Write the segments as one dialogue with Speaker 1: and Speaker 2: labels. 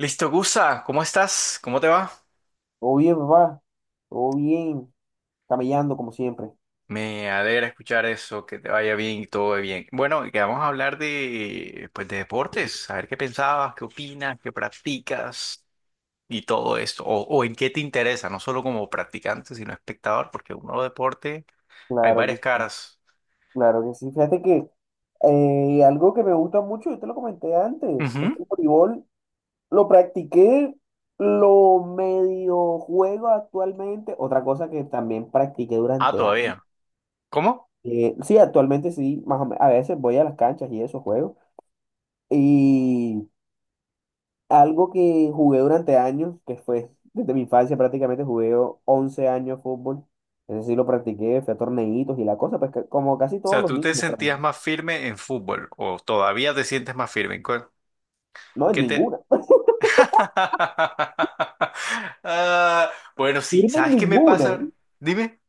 Speaker 1: Listo, Gusa, ¿cómo estás? ¿Cómo te va?
Speaker 2: Todo bien, papá, todo bien, camellando como siempre.
Speaker 1: Me alegra escuchar eso, que te vaya bien y todo bien. Bueno, y que vamos a hablar de, pues, de deportes, a ver qué pensabas, qué opinas, qué practicas y todo esto, o en qué te interesa, no solo como practicante, sino espectador, porque uno deporte, hay
Speaker 2: Claro que
Speaker 1: varias
Speaker 2: sí,
Speaker 1: caras.
Speaker 2: claro que sí. Fíjate que algo que me gusta mucho, yo te lo comenté antes, es
Speaker 1: Ujú.
Speaker 2: el voleibol. Lo practiqué, lo medio juego actualmente. Otra cosa que también practiqué
Speaker 1: Ah,
Speaker 2: durante años.
Speaker 1: todavía. ¿Cómo? O
Speaker 2: Sí, actualmente sí, más o a veces voy a las canchas y eso juego. Y Algo que jugué durante años, que fue desde mi infancia prácticamente, jugué 11 años fútbol. Ese sí lo practiqué, fui a torneitos y la cosa, pues como casi todos
Speaker 1: sea,
Speaker 2: los
Speaker 1: ¿tú
Speaker 2: niños,
Speaker 1: te
Speaker 2: pero
Speaker 1: sentías más firme en fútbol o todavía te sientes más firme? ¿En cuál?
Speaker 2: no en
Speaker 1: ¿Qué te,
Speaker 2: ninguna.
Speaker 1: Ah, bueno, sí,
Speaker 2: Firme en
Speaker 1: ¿sabes qué me
Speaker 2: ninguna.
Speaker 1: pasa? Dime.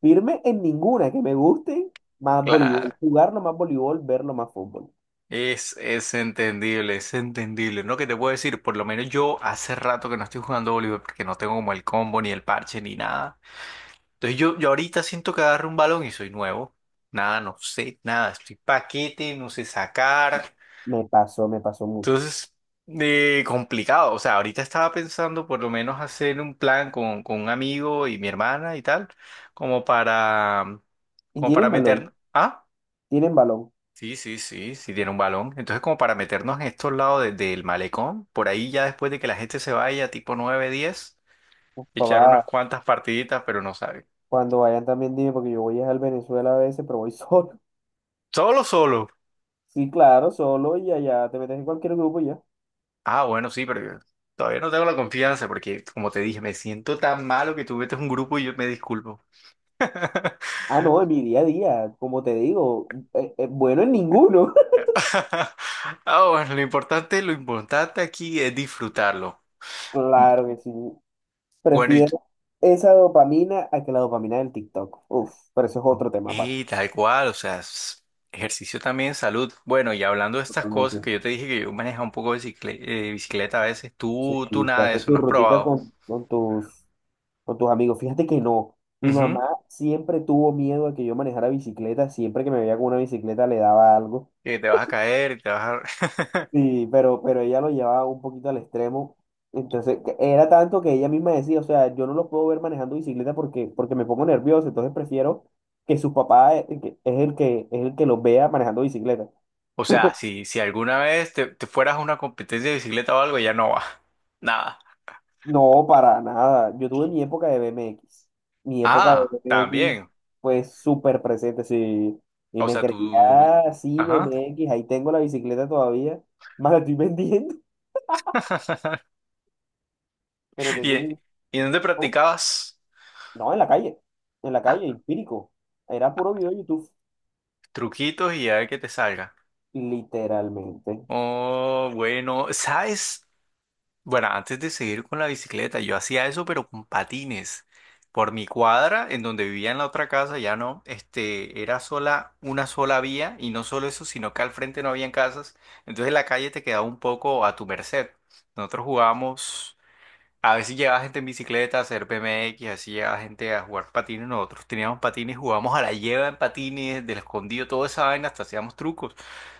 Speaker 2: Firme en ninguna. Que me guste más voleibol.
Speaker 1: Claro,
Speaker 2: Jugarlo más voleibol, verlo más fútbol.
Speaker 1: es entendible, es entendible. No, que te puedo decir, por lo menos yo hace rato que no estoy jugando voleibol porque no tengo como el combo, ni el parche, ni nada. Entonces yo ahorita siento que agarro un balón y soy nuevo. Nada, no sé, nada, estoy paquete, no sé sacar.
Speaker 2: Me pasó mucho.
Speaker 1: Entonces, complicado. O sea, ahorita estaba pensando por lo menos hacer un plan con un amigo y mi hermana y tal, como para, como para
Speaker 2: Tienen balón,
Speaker 1: meter... Ah,
Speaker 2: tienen balón.
Speaker 1: sí, sí, sí, sí tiene un balón. Entonces, como para meternos en estos lados del malecón, por ahí ya después de que la gente se vaya, tipo 9 10,
Speaker 2: Uf,
Speaker 1: echar unas
Speaker 2: papá,
Speaker 1: cuantas partiditas, pero no sabe.
Speaker 2: cuando vayan también dime, porque yo voy a al Venezuela a veces, pero voy solo.
Speaker 1: Solo, solo.
Speaker 2: Sí, claro, solo y allá te metes en cualquier grupo y ya.
Speaker 1: Ah, bueno, sí, pero yo todavía no tengo la confianza porque, como te dije, me siento tan malo que tú metes un grupo y yo me disculpo.
Speaker 2: Ah, no, en mi día a día, como te digo, bueno, en ninguno.
Speaker 1: Ah, bueno, lo importante aquí es disfrutarlo. Mm.
Speaker 2: Claro que sí.
Speaker 1: Bueno,
Speaker 2: Prefiero esa dopamina a que la dopamina del TikTok. Uf, pero eso es otro tema aparte.
Speaker 1: y tal cual, o sea, ejercicio también, salud. Bueno, y hablando de estas cosas
Speaker 2: Totalmente.
Speaker 1: que yo te dije que yo manejo un poco de bicicleta a veces, tú
Speaker 2: Sí, que
Speaker 1: nada de
Speaker 2: haces
Speaker 1: eso,
Speaker 2: tu
Speaker 1: no has
Speaker 2: rutica
Speaker 1: probado.
Speaker 2: con tus amigos. Fíjate que no. Mi
Speaker 1: Ujú.
Speaker 2: mamá siempre tuvo miedo a que yo manejara bicicleta. Siempre que me veía con una bicicleta le daba algo.
Speaker 1: Que te vas a caer, y te vas a...
Speaker 2: Sí, pero ella lo llevaba un poquito al extremo. Entonces, que era tanto que ella misma decía, o sea, yo no lo puedo ver manejando bicicleta porque, porque me pongo nervioso, entonces prefiero que su papá es el que los vea manejando bicicleta.
Speaker 1: O sea, si, si alguna vez te, te fueras a una competencia de bicicleta o algo, ya no vas. Nada.
Speaker 2: No, para nada. Yo tuve mi época de BMX. Mi época de
Speaker 1: Ah,
Speaker 2: BMX
Speaker 1: también.
Speaker 2: fue súper presente, sí. Y
Speaker 1: O
Speaker 2: me
Speaker 1: sea,
Speaker 2: creía,
Speaker 1: tú...
Speaker 2: "Ah, sí,
Speaker 1: Ajá.
Speaker 2: BMX, ahí tengo la bicicleta todavía. Más la estoy vendiendo, pero tengo
Speaker 1: ¿Y,
Speaker 2: mi...
Speaker 1: y dónde
Speaker 2: ¿no?
Speaker 1: practicabas?
Speaker 2: No, en la
Speaker 1: Ah.
Speaker 2: calle, empírico. Era puro video de YouTube,
Speaker 1: Truquitos y a ver qué te salga.
Speaker 2: literalmente.
Speaker 1: Oh, bueno, ¿sabes? Bueno, antes de seguir con la bicicleta, yo hacía eso, pero con patines. Por mi cuadra, en donde vivía en la otra casa, ya no, este, era sola, una sola vía, y no solo eso, sino que al frente no habían casas, entonces la calle te quedaba un poco a tu merced. Nosotros jugábamos, a veces llegaba gente en bicicleta a hacer BMX, así llegaba gente a jugar patines, nosotros teníamos patines, jugábamos a la lleva en patines, del escondido, toda esa vaina, hasta hacíamos trucos.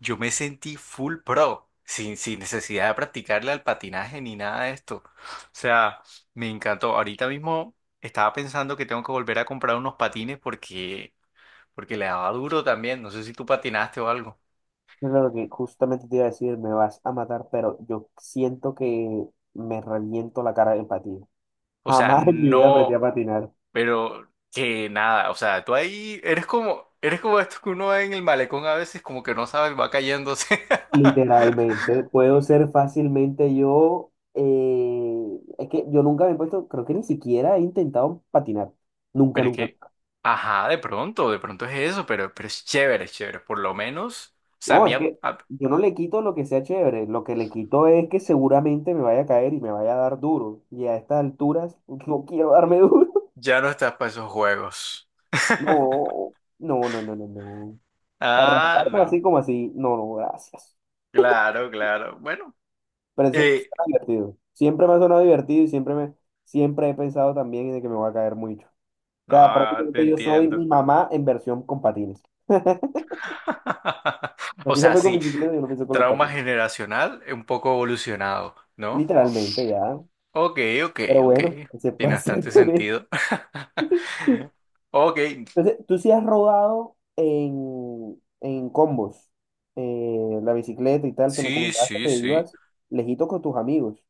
Speaker 1: Yo me sentí full pro, sin necesidad de practicarle al patinaje ni nada de esto. O sea, me encantó. Ahorita mismo estaba pensando que tengo que volver a comprar unos patines porque, porque le daba duro también. No sé si tú patinaste o algo.
Speaker 2: Es lo que justamente te iba a decir, me vas a matar, pero yo siento que me reviento la cara en patín.
Speaker 1: O sea,
Speaker 2: Jamás en mi vida aprendí a
Speaker 1: no,
Speaker 2: patinar,
Speaker 1: pero que nada. O sea, tú ahí eres como esto que uno ve en el malecón a veces, como que no sabes, va cayéndose.
Speaker 2: literalmente. Puedo ser fácilmente yo, es que yo nunca me he puesto, creo que ni siquiera he intentado patinar. Nunca,
Speaker 1: Pero es
Speaker 2: nunca.
Speaker 1: que, ajá, de pronto es eso, pero es chévere, es chévere. Por lo menos, o sea, a
Speaker 2: No,
Speaker 1: mí
Speaker 2: es que yo no le quito lo que sea chévere, lo que le quito es que seguramente me vaya a caer y me vaya a dar duro. Y a estas alturas no quiero darme duro.
Speaker 1: ya no estás para esos juegos.
Speaker 2: No, no, no, no, no, no. Para
Speaker 1: Ah,
Speaker 2: rasparme
Speaker 1: no.
Speaker 2: así como así, no, no, gracias.
Speaker 1: Claro, claro. Bueno,
Speaker 2: Pero es, suena
Speaker 1: eh,
Speaker 2: divertido. Siempre me ha sonado divertido y siempre me, siempre he pensado también de que me voy a caer mucho. O sea,
Speaker 1: no, te
Speaker 2: prácticamente yo soy mi
Speaker 1: entiendo.
Speaker 2: mamá en versión con patines. Lo
Speaker 1: O
Speaker 2: que ella
Speaker 1: sea,
Speaker 2: fue con
Speaker 1: sí,
Speaker 2: bicicleta, yo lo pienso con los
Speaker 1: trauma
Speaker 2: patines.
Speaker 1: generacional un poco evolucionado, ¿no?
Speaker 2: Literalmente ya.
Speaker 1: Ok, ok,
Speaker 2: Pero
Speaker 1: ok.
Speaker 2: bueno, ¿qué se
Speaker 1: Tiene
Speaker 2: puede hacer
Speaker 1: bastante
Speaker 2: con él?
Speaker 1: sentido. Ok,
Speaker 2: Entonces, tú sí has rodado en combos, la bicicleta y tal, que me
Speaker 1: sí,
Speaker 2: comentabas que
Speaker 1: sí,
Speaker 2: te
Speaker 1: sí.
Speaker 2: ibas lejito con tus amigos.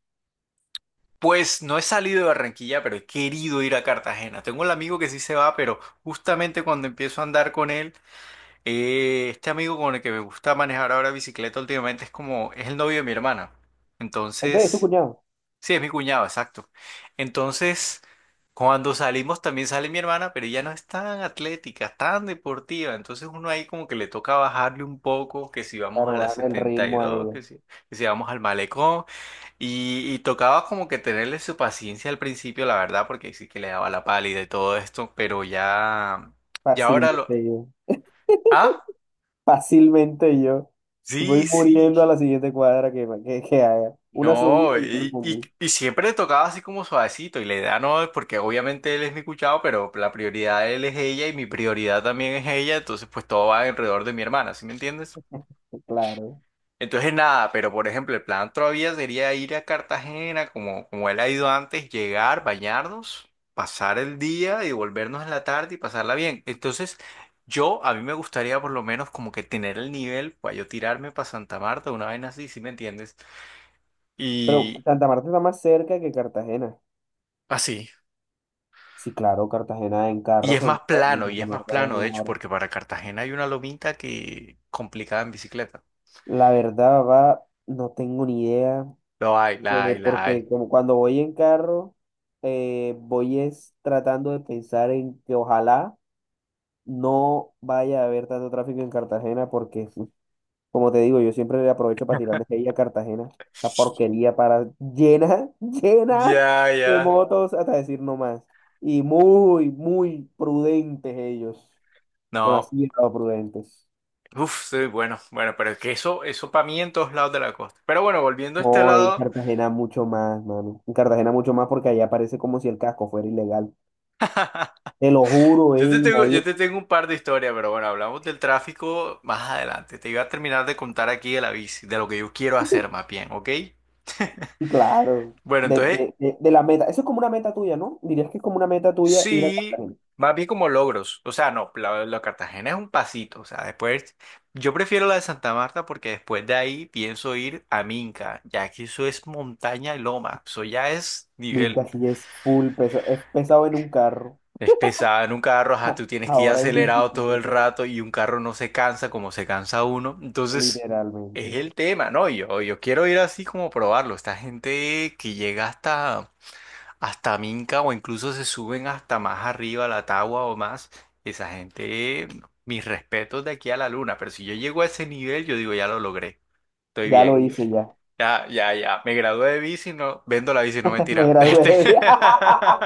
Speaker 1: Pues no he salido de Barranquilla, pero he querido ir a Cartagena. Tengo un amigo que sí se va, pero justamente cuando empiezo a andar con él, este amigo con el que me gusta manejar ahora bicicleta últimamente es como, es el novio de mi hermana.
Speaker 2: Ok, es tu
Speaker 1: Entonces,
Speaker 2: cuñado.
Speaker 1: sí, es mi cuñado, exacto. Entonces, cuando salimos también sale mi hermana, pero ella no es tan atlética, tan deportiva. Entonces uno ahí como que le toca bajarle un poco, que si vamos a
Speaker 2: Claro,
Speaker 1: la
Speaker 2: bajan el ritmo a
Speaker 1: 72,
Speaker 2: ella.
Speaker 1: que si vamos al malecón. Y tocaba como que tenerle su paciencia al principio, la verdad, porque sí que le daba la pálida y todo esto, pero ya, ya ahora lo...
Speaker 2: Fácilmente yo.
Speaker 1: Ah,
Speaker 2: Fácilmente yo. Voy
Speaker 1: sí, sí.
Speaker 2: muriendo a la siguiente cuadra que haga. Una
Speaker 1: No,
Speaker 2: subida y ya me
Speaker 1: y, y,
Speaker 2: pongo.
Speaker 1: y siempre le tocaba así como suavecito, y la idea no es porque obviamente él es mi cuchado, pero la prioridad de él es ella y mi prioridad también es ella, entonces pues todo va alrededor de mi hermana, ¿sí me entiendes?
Speaker 2: Claro.
Speaker 1: Entonces nada, pero por ejemplo, el plan todavía sería ir a Cartagena, como, como él ha ido antes, llegar, bañarnos, pasar el día y volvernos en la tarde y pasarla bien. Entonces, yo, a mí me gustaría por lo menos como que tener el nivel para yo tirarme para Santa Marta, una vaina así, si me entiendes?
Speaker 2: Pero
Speaker 1: Y
Speaker 2: Santa Marta está más cerca que Cartagena.
Speaker 1: así.
Speaker 2: Sí, claro, Cartagena en
Speaker 1: Y
Speaker 2: carro
Speaker 1: es
Speaker 2: son
Speaker 1: más
Speaker 2: 2 horas, y
Speaker 1: plano, y
Speaker 2: Santa
Speaker 1: es más
Speaker 2: Marta es
Speaker 1: plano, de
Speaker 2: una
Speaker 1: hecho,
Speaker 2: hora.
Speaker 1: porque para Cartagena hay una lomita que complicada en bicicleta.
Speaker 2: La verdad, va, no tengo ni idea.
Speaker 1: Lo hay, la hay, la
Speaker 2: Porque
Speaker 1: hay.
Speaker 2: como cuando voy en carro, voy es tratando de pensar en que ojalá no vaya a haber tanto tráfico en Cartagena, porque uf, como te digo, yo siempre le aprovecho para tirarle hate a Cartagena, esa porquería para llena, llena
Speaker 1: Ya,
Speaker 2: de
Speaker 1: ya.
Speaker 2: motos, hasta decir no más. Y muy, muy prudentes ellos,
Speaker 1: No.
Speaker 2: demasiado prudentes.
Speaker 1: Uf, sí, bueno, bueno, pero es que eso para mí en todos lados de la costa. Pero bueno, volviendo a este
Speaker 2: No, en
Speaker 1: lado,
Speaker 2: Cartagena mucho más, mano. En Cartagena mucho más porque allá parece como si el casco fuera ilegal. Te lo juro, ey,
Speaker 1: yo
Speaker 2: nadie.
Speaker 1: te tengo un par de historias, pero bueno, hablamos del tráfico más adelante. Te iba a terminar de contar aquí de la bici, de lo que yo quiero hacer más bien, ¿ok?
Speaker 2: Sí, claro.
Speaker 1: Bueno,
Speaker 2: De,
Speaker 1: entonces,
Speaker 2: de, de, de la meta. Eso es como una meta tuya, ¿no? Dirías que es como una meta tuya ir a
Speaker 1: sí,
Speaker 2: Cartagena.
Speaker 1: más bien como logros. O sea, no, la, la Cartagena es un pasito. O sea, después, yo prefiero la de Santa Marta porque después de ahí pienso ir a Minca, ya que eso es montaña y loma. Eso ya es nivel.
Speaker 2: Minca, sí es full peso. Es pesado en un carro.
Speaker 1: Es pesada en un carro, ajá, tú tienes que ir
Speaker 2: Ahora en
Speaker 1: acelerado todo el
Speaker 2: bicicleta,
Speaker 1: rato y un carro no se cansa como se cansa uno. Entonces, es
Speaker 2: literalmente.
Speaker 1: el tema, ¿no? Yo quiero ir así como probarlo. Esta gente que llega hasta, hasta Minca o incluso se suben hasta más arriba a la Tagua o más, esa gente, mis respetos de aquí a la luna. Pero si yo llego a ese nivel, yo digo, ya lo logré, estoy
Speaker 2: Ya lo
Speaker 1: bien.
Speaker 2: hice, ya.
Speaker 1: Ya, ya, ya, me gradué de bici, no, vendo la bici, no
Speaker 2: Me
Speaker 1: mentira.
Speaker 2: gradué.
Speaker 1: Este...
Speaker 2: Viaje.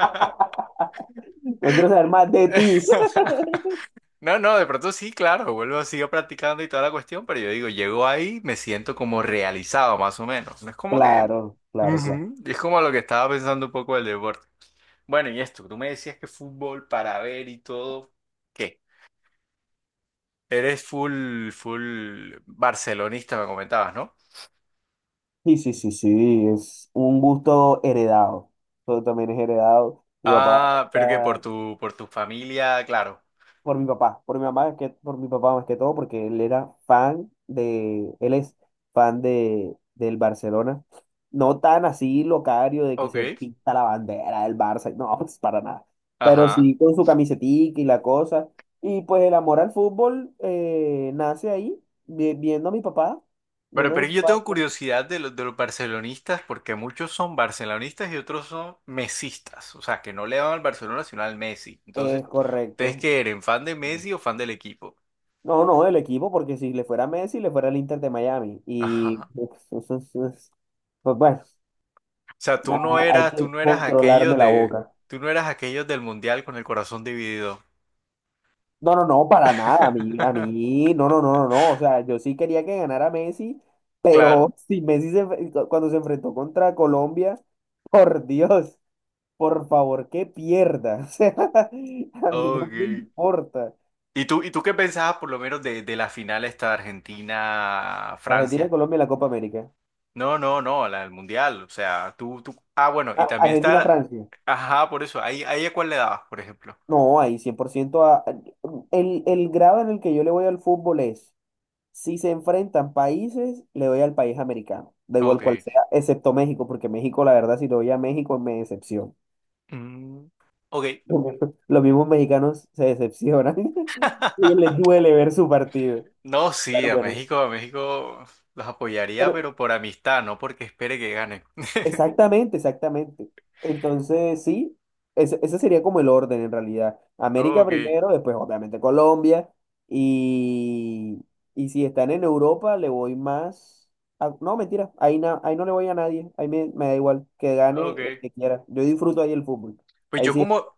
Speaker 2: No quiero saber más de ti.
Speaker 1: No, no, de pronto sí, claro, vuelvo, sigo practicando y toda la cuestión, pero yo digo, llego ahí, me siento como realizado más o menos. No es como que...
Speaker 2: Claro, claro, claro.
Speaker 1: Ujú. Es como lo que estaba pensando un poco del deporte. Bueno, y esto, tú me decías que fútbol para ver y todo, ¿qué? Eres full, full barcelonista, me comentabas, ¿no?
Speaker 2: Sí, sí, sí, sí. Es un gusto heredado. Todo también es heredado. Mi papá.
Speaker 1: Ah, pero que por tu familia, claro.
Speaker 2: Por mi papá, por mi mamá, que por mi papá más que todo, porque él era fan de, él es fan de, del Barcelona. No tan así locario de que se
Speaker 1: Ok.
Speaker 2: pinta la bandera del Barça, no, pues para nada. Pero
Speaker 1: Ajá.
Speaker 2: sí con su camisetica y la cosa. Y pues el amor al fútbol nace ahí, viendo a mi papá, viendo a
Speaker 1: Pero
Speaker 2: mi
Speaker 1: yo
Speaker 2: papá
Speaker 1: tengo
Speaker 2: cómo
Speaker 1: curiosidad de los barcelonistas porque muchos son barcelonistas y otros son mesistas. O sea, que no le van al Barcelona sino al Messi. Entonces,
Speaker 2: es
Speaker 1: ¿ustedes
Speaker 2: correcto.
Speaker 1: qué eran? ¿Fan de Messi o fan del equipo?
Speaker 2: No, no, el equipo, porque si le fuera Messi, le fuera el Inter de Miami. Y
Speaker 1: Ajá.
Speaker 2: pues, pues, pues, bueno.
Speaker 1: O sea,
Speaker 2: Ah, hay
Speaker 1: tú
Speaker 2: que
Speaker 1: no eras aquellos
Speaker 2: controlarme la
Speaker 1: de,
Speaker 2: boca.
Speaker 1: tú no eras aquellos del Mundial con el corazón dividido.
Speaker 2: No, no, no, para nada. A mí, no, no, no, no, no. O sea, yo sí quería que ganara Messi,
Speaker 1: Claro.
Speaker 2: pero si Messi se, cuando se enfrentó contra Colombia, por Dios, por favor, que pierda. O sea, a mí no me
Speaker 1: Ok.
Speaker 2: importa.
Speaker 1: Y tú qué pensabas por lo menos de la final esta de
Speaker 2: Argentina,
Speaker 1: Argentina-Francia?
Speaker 2: Colombia, y la Copa América.
Speaker 1: No, no, no, la del mundial, o sea, tú, ah, bueno, y
Speaker 2: Ah,
Speaker 1: también está,
Speaker 2: Argentina,
Speaker 1: la-
Speaker 2: Francia.
Speaker 1: ajá, por eso, ahí, ahí a cuál le dabas, por ejemplo.
Speaker 2: No, ahí 100% el grado en el que yo le voy al fútbol es. Si se enfrentan países, le doy al país americano, da igual
Speaker 1: Ok.
Speaker 2: cual sea, excepto México, porque México, la verdad, si le doy a México, me decepciona.
Speaker 1: Mm, ok.
Speaker 2: Los mismos los mismos mexicanos se decepcionan. Ellos les duele ver su partido.
Speaker 1: No, sí,
Speaker 2: Pero bueno,
Speaker 1: A México los apoyaría,
Speaker 2: pero
Speaker 1: pero por amistad, no porque espere que ganen.
Speaker 2: exactamente, exactamente. Entonces, sí, ese sería como el orden en realidad. América
Speaker 1: Ok,
Speaker 2: primero, después obviamente Colombia. Y, y si están en Europa, le voy más... no, mentira, ahí, ahí no le voy a nadie, ahí me, me da igual, que gane
Speaker 1: ok.
Speaker 2: el que quiera. Yo disfruto ahí el fútbol.
Speaker 1: Pues
Speaker 2: Ahí
Speaker 1: yo
Speaker 2: sí,
Speaker 1: como,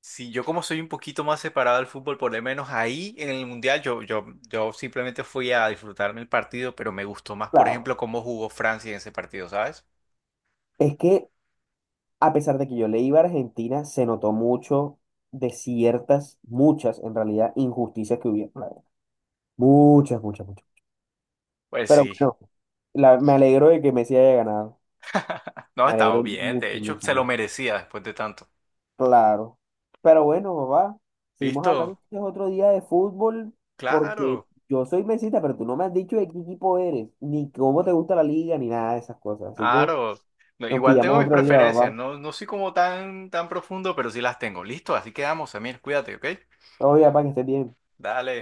Speaker 1: si yo como soy un poquito más separado del fútbol, por lo menos ahí en el Mundial, yo simplemente fui a disfrutarme el partido, pero me gustó más, por
Speaker 2: claro.
Speaker 1: ejemplo, cómo jugó Francia en ese partido, ¿sabes?
Speaker 2: Es que a pesar de que yo le iba a Argentina, se notó mucho de ciertas, muchas en realidad, injusticias que hubieron, la verdad. Muchas, muchas, muchas.
Speaker 1: Pues
Speaker 2: Pero
Speaker 1: sí.
Speaker 2: bueno, me alegro de que Messi haya ganado.
Speaker 1: No,
Speaker 2: Me
Speaker 1: estaba
Speaker 2: alegro
Speaker 1: bien,
Speaker 2: mucho,
Speaker 1: de hecho,
Speaker 2: mucho,
Speaker 1: se lo
Speaker 2: mucho.
Speaker 1: merecía después de tanto.
Speaker 2: Claro. Pero bueno, papá, seguimos hablando
Speaker 1: ¿Listo?
Speaker 2: este otro día de fútbol porque
Speaker 1: Claro,
Speaker 2: yo soy mesita, pero tú no me has dicho de qué equipo eres, ni cómo te gusta la liga, ni nada de esas cosas. Así que
Speaker 1: claro. No,
Speaker 2: nos
Speaker 1: igual
Speaker 2: pillamos
Speaker 1: tengo mis
Speaker 2: otro día,
Speaker 1: preferencias,
Speaker 2: papá.
Speaker 1: no, no soy como tan, tan profundo, pero sí las tengo. ¿Listo? Así quedamos, Samir, cuídate, ¿ok?
Speaker 2: Todo bien, papá, que estés bien.
Speaker 1: Dale.